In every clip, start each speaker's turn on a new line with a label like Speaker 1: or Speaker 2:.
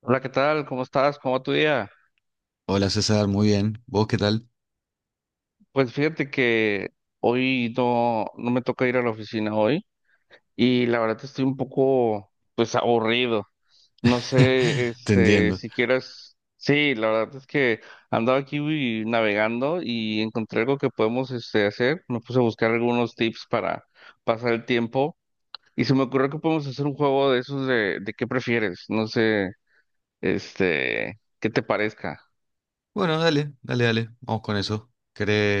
Speaker 1: Hola, ¿qué tal? ¿Cómo estás? ¿Cómo va tu día?
Speaker 2: Hola César, muy bien. ¿Vos qué tal?
Speaker 1: Pues fíjate que hoy no me toca ir a la oficina hoy y la verdad estoy un poco, pues, aburrido. No sé,
Speaker 2: Te entiendo.
Speaker 1: si quieras... Sí, la verdad es que andaba aquí uy, navegando y encontré algo que podemos, hacer. Me puse a buscar algunos tips para pasar el tiempo y se me ocurrió que podemos hacer un juego de esos de qué prefieres. No sé, qué te parezca.
Speaker 2: Bueno, dale, dale, dale. Vamos con eso.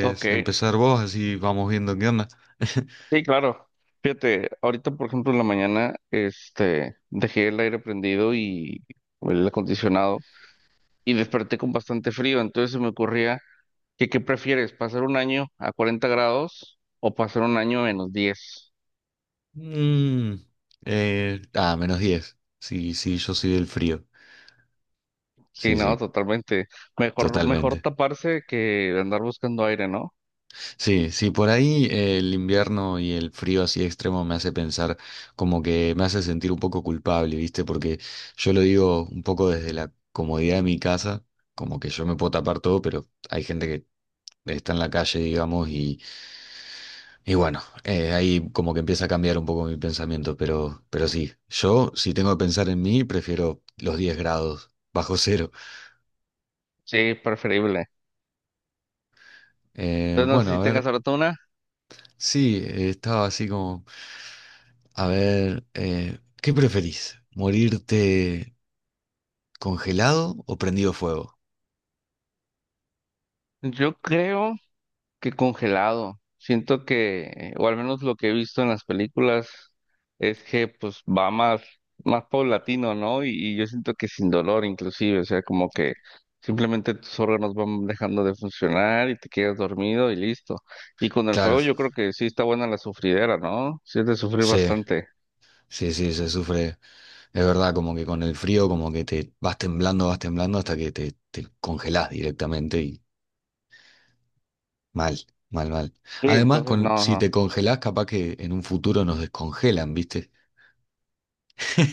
Speaker 1: Ok.
Speaker 2: empezar vos? Así vamos viendo qué onda.
Speaker 1: Sí, claro. Fíjate, ahorita, por ejemplo, en la mañana, dejé el aire prendido y o el acondicionado y desperté con bastante frío. Entonces se me ocurría que, ¿qué prefieres? ¿Pasar un año a 40 grados o pasar un año a -10?
Speaker 2: Mm, menos 10. Sí, sí, yo soy del frío.
Speaker 1: Sí,
Speaker 2: Sí,
Speaker 1: no,
Speaker 2: sí,
Speaker 1: totalmente. Mejor, mejor
Speaker 2: totalmente.
Speaker 1: taparse que andar buscando aire, ¿no?
Speaker 2: Sí, sí, por ahí el invierno y el frío así extremo me hace pensar como que me hace sentir un poco culpable, ¿viste? Porque yo lo digo un poco desde la comodidad de mi casa, como que yo me puedo tapar todo, pero hay gente que está en la calle, digamos, y bueno, ahí como que empieza a cambiar un poco mi pensamiento, pero sí, yo si tengo que pensar en mí, prefiero los 10 grados bajo cero.
Speaker 1: Sí, preferible.
Speaker 2: Eh,
Speaker 1: Entonces, no sé
Speaker 2: bueno,
Speaker 1: si
Speaker 2: a
Speaker 1: tengas
Speaker 2: ver,
Speaker 1: ahora tú una.
Speaker 2: sí, estaba así como, a ver, ¿qué preferís? ¿Morirte congelado o prendido fuego?
Speaker 1: Yo creo que congelado. Siento que, o al menos lo que he visto en las películas, es que pues va más, más paulatino, ¿no? Y yo siento que sin dolor inclusive, o sea, como que simplemente tus órganos van dejando de funcionar y te quedas dormido y listo. Y con el
Speaker 2: Claro,
Speaker 1: fuego yo creo que sí está buena la sufridera, ¿no? Sí es de sufrir
Speaker 2: sí.
Speaker 1: bastante.
Speaker 2: Sí, sí, se sufre, es verdad, como que con el frío, como que te vas temblando hasta que te congelás directamente. Mal, mal, mal.
Speaker 1: Sí,
Speaker 2: Además,
Speaker 1: entonces no,
Speaker 2: si
Speaker 1: no.
Speaker 2: te congelás, capaz que en un futuro nos descongelan, ¿viste?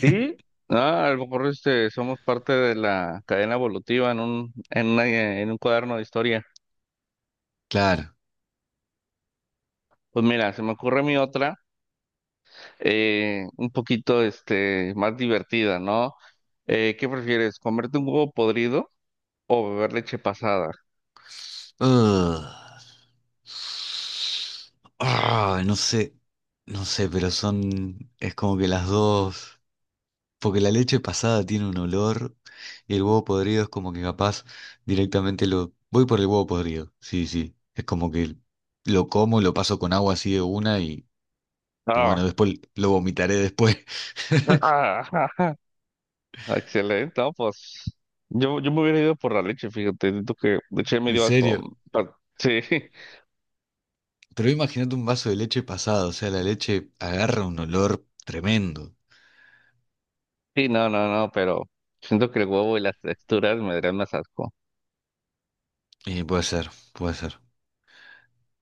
Speaker 1: Sí, ah, a lo mejor somos parte de la cadena evolutiva en un cuaderno de historia.
Speaker 2: Claro.
Speaker 1: Pues mira, se me ocurre mi otra. Un poquito más divertida, ¿no? ¿Qué prefieres, comerte un huevo podrido o beber leche pasada?
Speaker 2: Ugh. No sé, no sé, pero son, es como que las dos, porque la leche pasada tiene un olor y el huevo podrido es como que capaz directamente voy por el huevo podrido, sí, sí, es como que lo como, lo paso con agua así de una y
Speaker 1: Ah,
Speaker 2: bueno, después lo vomitaré después.
Speaker 1: excelente, ¿no? Pues yo me hubiera ido por la leche, fíjate, siento que leche me
Speaker 2: En
Speaker 1: dio asco.
Speaker 2: serio.
Speaker 1: Sí,
Speaker 2: Pero imagínate un vaso de leche pasado, o sea, la leche agarra un olor tremendo.
Speaker 1: sí, no, no, no, pero siento que el huevo y las texturas me darían más asco.
Speaker 2: Y puede ser, puede ser.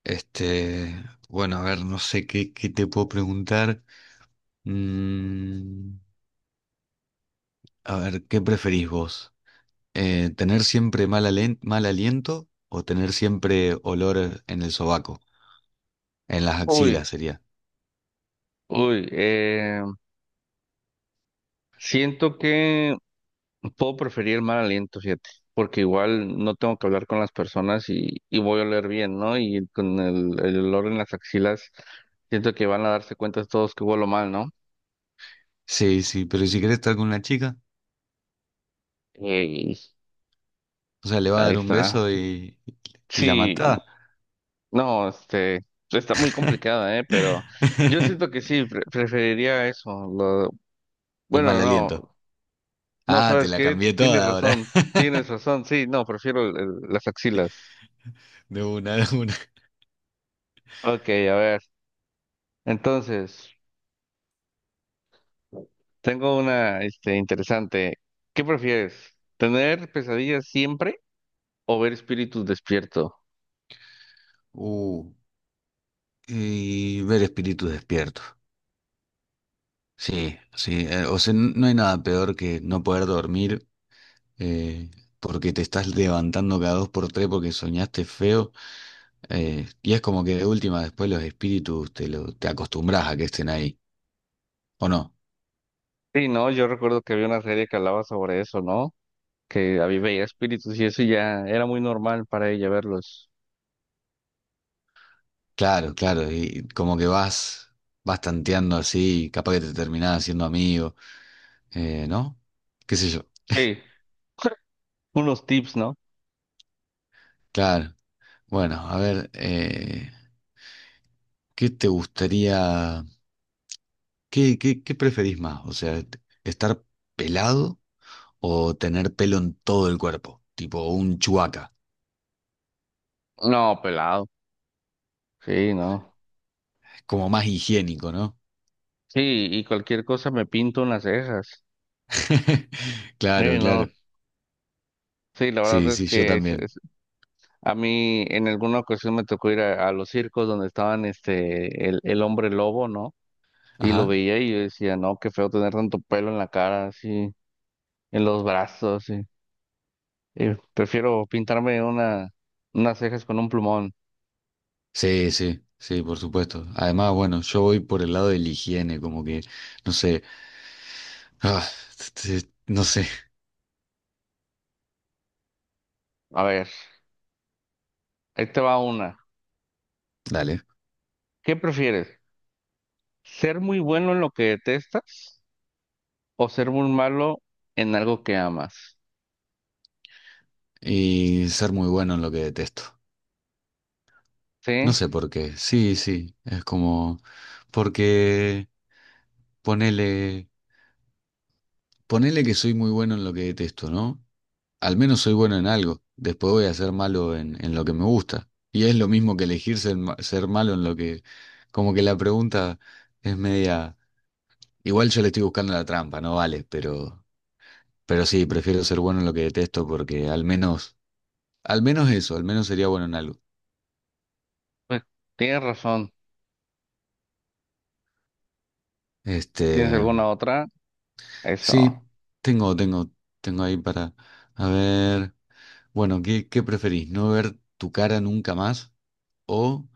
Speaker 2: Este, bueno, a ver, no sé qué te puedo preguntar. Mm, a ver, ¿qué preferís vos? ¿Tener siempre mal aliento o tener siempre olor en el sobaco? En las
Speaker 1: Uy,
Speaker 2: axilas sería.
Speaker 1: uy, siento que puedo preferir mal aliento, fíjate, porque igual no tengo que hablar con las personas y voy a oler bien, ¿no? Y con el olor en las axilas, siento que van a darse cuenta todos que huelo mal, ¿no?
Speaker 2: Sí, sí, pero ¿y si querés estar con una chica,
Speaker 1: Ey,
Speaker 2: o sea, le va a
Speaker 1: ahí
Speaker 2: dar un
Speaker 1: está.
Speaker 2: beso y la
Speaker 1: Sí,
Speaker 2: matá?
Speaker 1: no, está muy complicada, ¿eh? Pero yo siento que sí, preferiría eso. lo-
Speaker 2: El mal
Speaker 1: bueno,
Speaker 2: aliento.
Speaker 1: no, no,
Speaker 2: Ah, te
Speaker 1: ¿sabes
Speaker 2: la
Speaker 1: qué?
Speaker 2: cambié toda ahora.
Speaker 1: Tienes razón, sí, no, prefiero las axilas.
Speaker 2: De una, de una.
Speaker 1: Ok, a ver, entonces. Tengo una, interesante. ¿Qué prefieres? ¿Tener pesadillas siempre o ver espíritus despierto?
Speaker 2: Uh, y ver espíritus despiertos. Sí, sí. O sea, no hay nada peor que no poder dormir, eh, porque te estás levantando cada dos por tres porque soñaste feo. Y es como que de última, después los espíritus te acostumbras a que estén ahí. ¿O no?
Speaker 1: Sí, no, yo recuerdo que había una serie que hablaba sobre eso, ¿no? Que había veía espíritus y eso ya era muy normal para ella verlos.
Speaker 2: Claro, claro. Y como que vas tanteando así, y capaz que te terminás haciendo amigo, ¿no? ¿Qué sé yo?
Speaker 1: Sí, unos tips, ¿no?
Speaker 2: Claro. Bueno, a ver. ¿Qué te gustaría, qué preferís más? O sea, ¿estar pelado o tener pelo en todo el cuerpo? Tipo un chuaca.
Speaker 1: No, pelado. Sí, no.
Speaker 2: Es como más higiénico, ¿no?
Speaker 1: Sí, y cualquier cosa me pinto unas cejas. Sí,
Speaker 2: Claro,
Speaker 1: no.
Speaker 2: claro.
Speaker 1: Sí, la
Speaker 2: Sí,
Speaker 1: verdad es
Speaker 2: sí, yo
Speaker 1: que
Speaker 2: también.
Speaker 1: a mí en alguna ocasión me tocó ir a los circos donde estaban el hombre lobo, ¿no? Y lo
Speaker 2: Ajá.
Speaker 1: veía y yo decía, no, qué feo tener tanto pelo en la cara, así, en los brazos, así. Prefiero pintarme unas cejas con un plumón.
Speaker 2: Sí, sí, sí, por supuesto. Además, bueno, yo voy por el lado de la higiene, como que, no sé, ah, no sé,
Speaker 1: A ver, ahí te va una.
Speaker 2: dale.
Speaker 1: ¿Qué prefieres? ¿Ser muy bueno en lo que detestas o ser muy malo en algo que amas?
Speaker 2: Y ser muy bueno en lo que detesto. No
Speaker 1: Sí,
Speaker 2: sé por qué. Sí, sí, es como... Porque ponele, ponele que soy muy bueno en lo que detesto, ¿no? Al menos soy bueno en algo. Después voy a ser malo en lo que me gusta. Y es lo mismo que elegir ser malo en lo que... Como que la pregunta es media... Igual yo le estoy buscando la trampa, no vale, pero sí, prefiero ser bueno en lo que detesto porque al menos eso, al menos sería bueno en algo.
Speaker 1: pues tienes razón.
Speaker 2: Este,
Speaker 1: ¿Tienes alguna otra?
Speaker 2: sí,
Speaker 1: Eso.
Speaker 2: tengo, tengo, tengo ahí para... A ver, bueno, ¿qué preferís? ¿No ver tu cara nunca más? O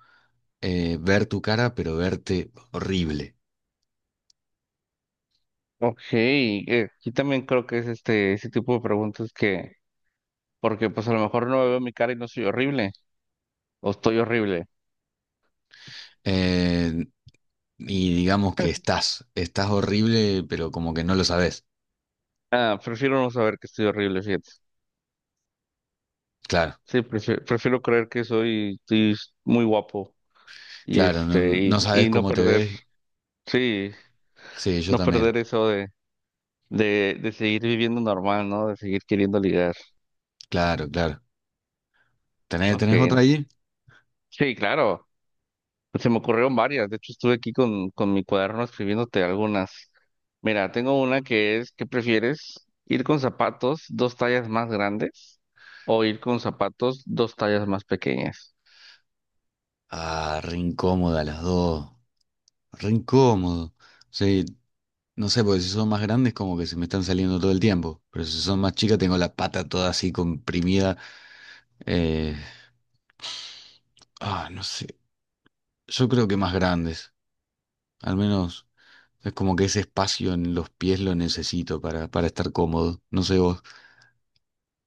Speaker 2: ver tu cara, pero verte horrible.
Speaker 1: Ok, aquí también creo que es ese tipo de preguntas que, porque pues a lo mejor no veo mi cara y no soy horrible, o estoy horrible.
Speaker 2: Eh, y digamos que estás horrible, pero como que no lo sabes.
Speaker 1: Ah, prefiero no saber que estoy horrible, fíjate.
Speaker 2: Claro,
Speaker 1: Sí, prefiero, prefiero creer que soy, estoy muy guapo y
Speaker 2: claro, no,
Speaker 1: este, y,
Speaker 2: no sabes
Speaker 1: y no
Speaker 2: cómo te
Speaker 1: perder,
Speaker 2: ves.
Speaker 1: sí,
Speaker 2: Sí, yo
Speaker 1: no
Speaker 2: también.
Speaker 1: perder eso de seguir viviendo normal, ¿no? De seguir queriendo ligar.
Speaker 2: Claro, claro. ¿Tenés otra
Speaker 1: Ok.
Speaker 2: ahí?
Speaker 1: Sí, claro. Pues se me ocurrieron varias. De hecho, estuve aquí con mi cuaderno escribiéndote algunas. Mira, tengo una que es, ¿qué prefieres? ¿Ir con zapatos 2 tallas más grandes o ir con zapatos 2 tallas más pequeñas?
Speaker 2: Ah, re incómoda las dos. Re incómodo. Sí, no sé, porque si son más grandes, como que se me están saliendo todo el tiempo. Pero si son más chicas, tengo la pata toda así comprimida. Eh, no sé. Yo creo que más grandes. Al menos. Es como que ese espacio en los pies lo necesito para, estar cómodo. No sé vos.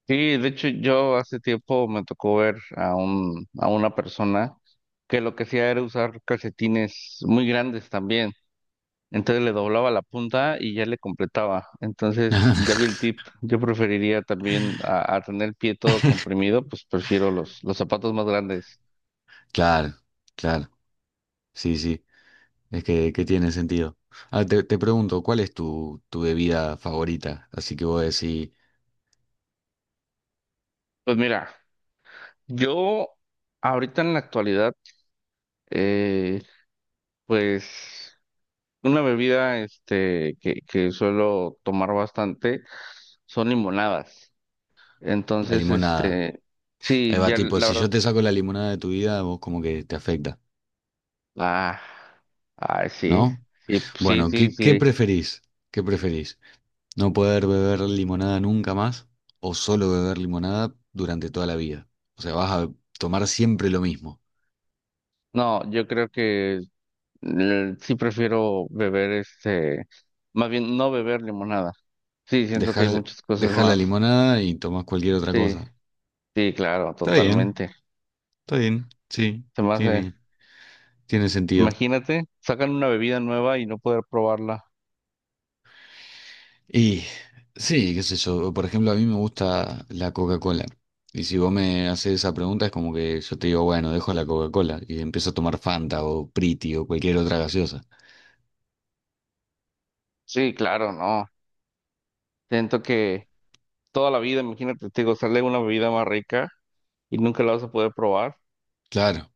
Speaker 1: Sí, de hecho yo hace tiempo me tocó ver a un, a una persona que lo que hacía era usar calcetines muy grandes también. Entonces le doblaba la punta y ya le completaba. Entonces ya vi el tip. Yo preferiría también a tener el pie todo comprimido, pues prefiero los zapatos más grandes.
Speaker 2: Claro, claro. Sí, sí. Es que tiene sentido. Ah, te pregunto, ¿cuál es tu bebida favorita? Así que vos decís
Speaker 1: Pues mira, yo ahorita en la actualidad, eh, pues una bebida que suelo tomar bastante son limonadas.
Speaker 2: la
Speaker 1: Entonces,
Speaker 2: limonada. Ahí
Speaker 1: sí,
Speaker 2: va,
Speaker 1: ya
Speaker 2: tipo,
Speaker 1: la
Speaker 2: si
Speaker 1: verdad,
Speaker 2: yo te saco la limonada de tu vida, vos como que te afecta,
Speaker 1: ah, ah, sí,
Speaker 2: ¿no?
Speaker 1: sí, sí,
Speaker 2: Bueno,
Speaker 1: sí,
Speaker 2: ¿qué
Speaker 1: sí.
Speaker 2: preferís? ¿Qué preferís? ¿No poder beber limonada nunca más o solo beber limonada durante toda la vida? O sea, vas a tomar siempre lo mismo.
Speaker 1: No, yo creo que sí prefiero beber más bien no beber limonada. Sí, siento que hay
Speaker 2: Dejar,
Speaker 1: muchas cosas
Speaker 2: dejar la
Speaker 1: más.
Speaker 2: limonada y tomás cualquier otra
Speaker 1: Sí,
Speaker 2: cosa.
Speaker 1: sí, claro,
Speaker 2: Está bien,
Speaker 1: totalmente.
Speaker 2: está bien, sí,
Speaker 1: Se me hace,
Speaker 2: tiene, tiene sentido.
Speaker 1: imagínate, sacan una bebida nueva y no poder probarla.
Speaker 2: Y sí, qué sé yo, por ejemplo, a mí me gusta la Coca-Cola. Y si vos me haces esa pregunta, es como que yo te digo, bueno, dejo la Coca-Cola y empiezo a tomar Fanta o Priti o cualquier otra gaseosa.
Speaker 1: Sí, claro, no. Siento que toda la vida, imagínate, te digo, sale una bebida más rica y nunca la vas a poder probar.
Speaker 2: Claro,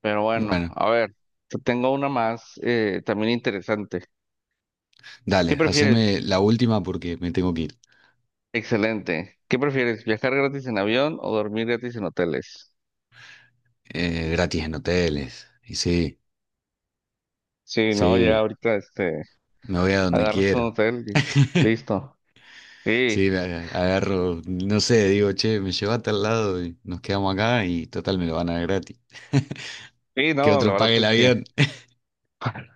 Speaker 1: Pero bueno,
Speaker 2: bueno,
Speaker 1: a ver, te tengo una más también interesante. ¿Qué
Speaker 2: dale,
Speaker 1: prefieres?
Speaker 2: haceme la última porque me tengo que ir.
Speaker 1: Excelente. ¿Qué prefieres? ¿Viajar gratis en avión o dormir gratis en hoteles?
Speaker 2: Gratis en hoteles. Y sí,
Speaker 1: Sí, no, ya
Speaker 2: sí,
Speaker 1: ahorita
Speaker 2: me voy a donde
Speaker 1: agarras un
Speaker 2: quiero.
Speaker 1: hotel y listo. Sí,
Speaker 2: Sí, agarro, no sé, digo, che, me lleva a tal lado y nos quedamos acá y total me lo van a dar gratis.
Speaker 1: sí,
Speaker 2: Que
Speaker 1: no, la
Speaker 2: otro pague
Speaker 1: verdad
Speaker 2: el
Speaker 1: es que,
Speaker 2: avión.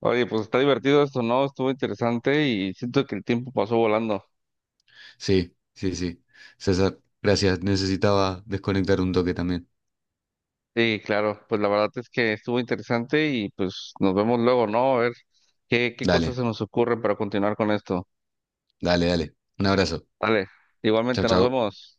Speaker 1: oye, pues está divertido esto, ¿no? Estuvo interesante y siento que el tiempo pasó volando.
Speaker 2: Sí, sí, sí. César, gracias. Necesitaba desconectar un toque también.
Speaker 1: Sí, claro, pues la verdad es que estuvo interesante y pues nos vemos luego, ¿no? A ver qué, qué cosas
Speaker 2: Dale,
Speaker 1: se nos ocurren para continuar con esto.
Speaker 2: dale, dale. Un abrazo.
Speaker 1: Dale,
Speaker 2: Chau,
Speaker 1: igualmente nos
Speaker 2: chau.
Speaker 1: vemos.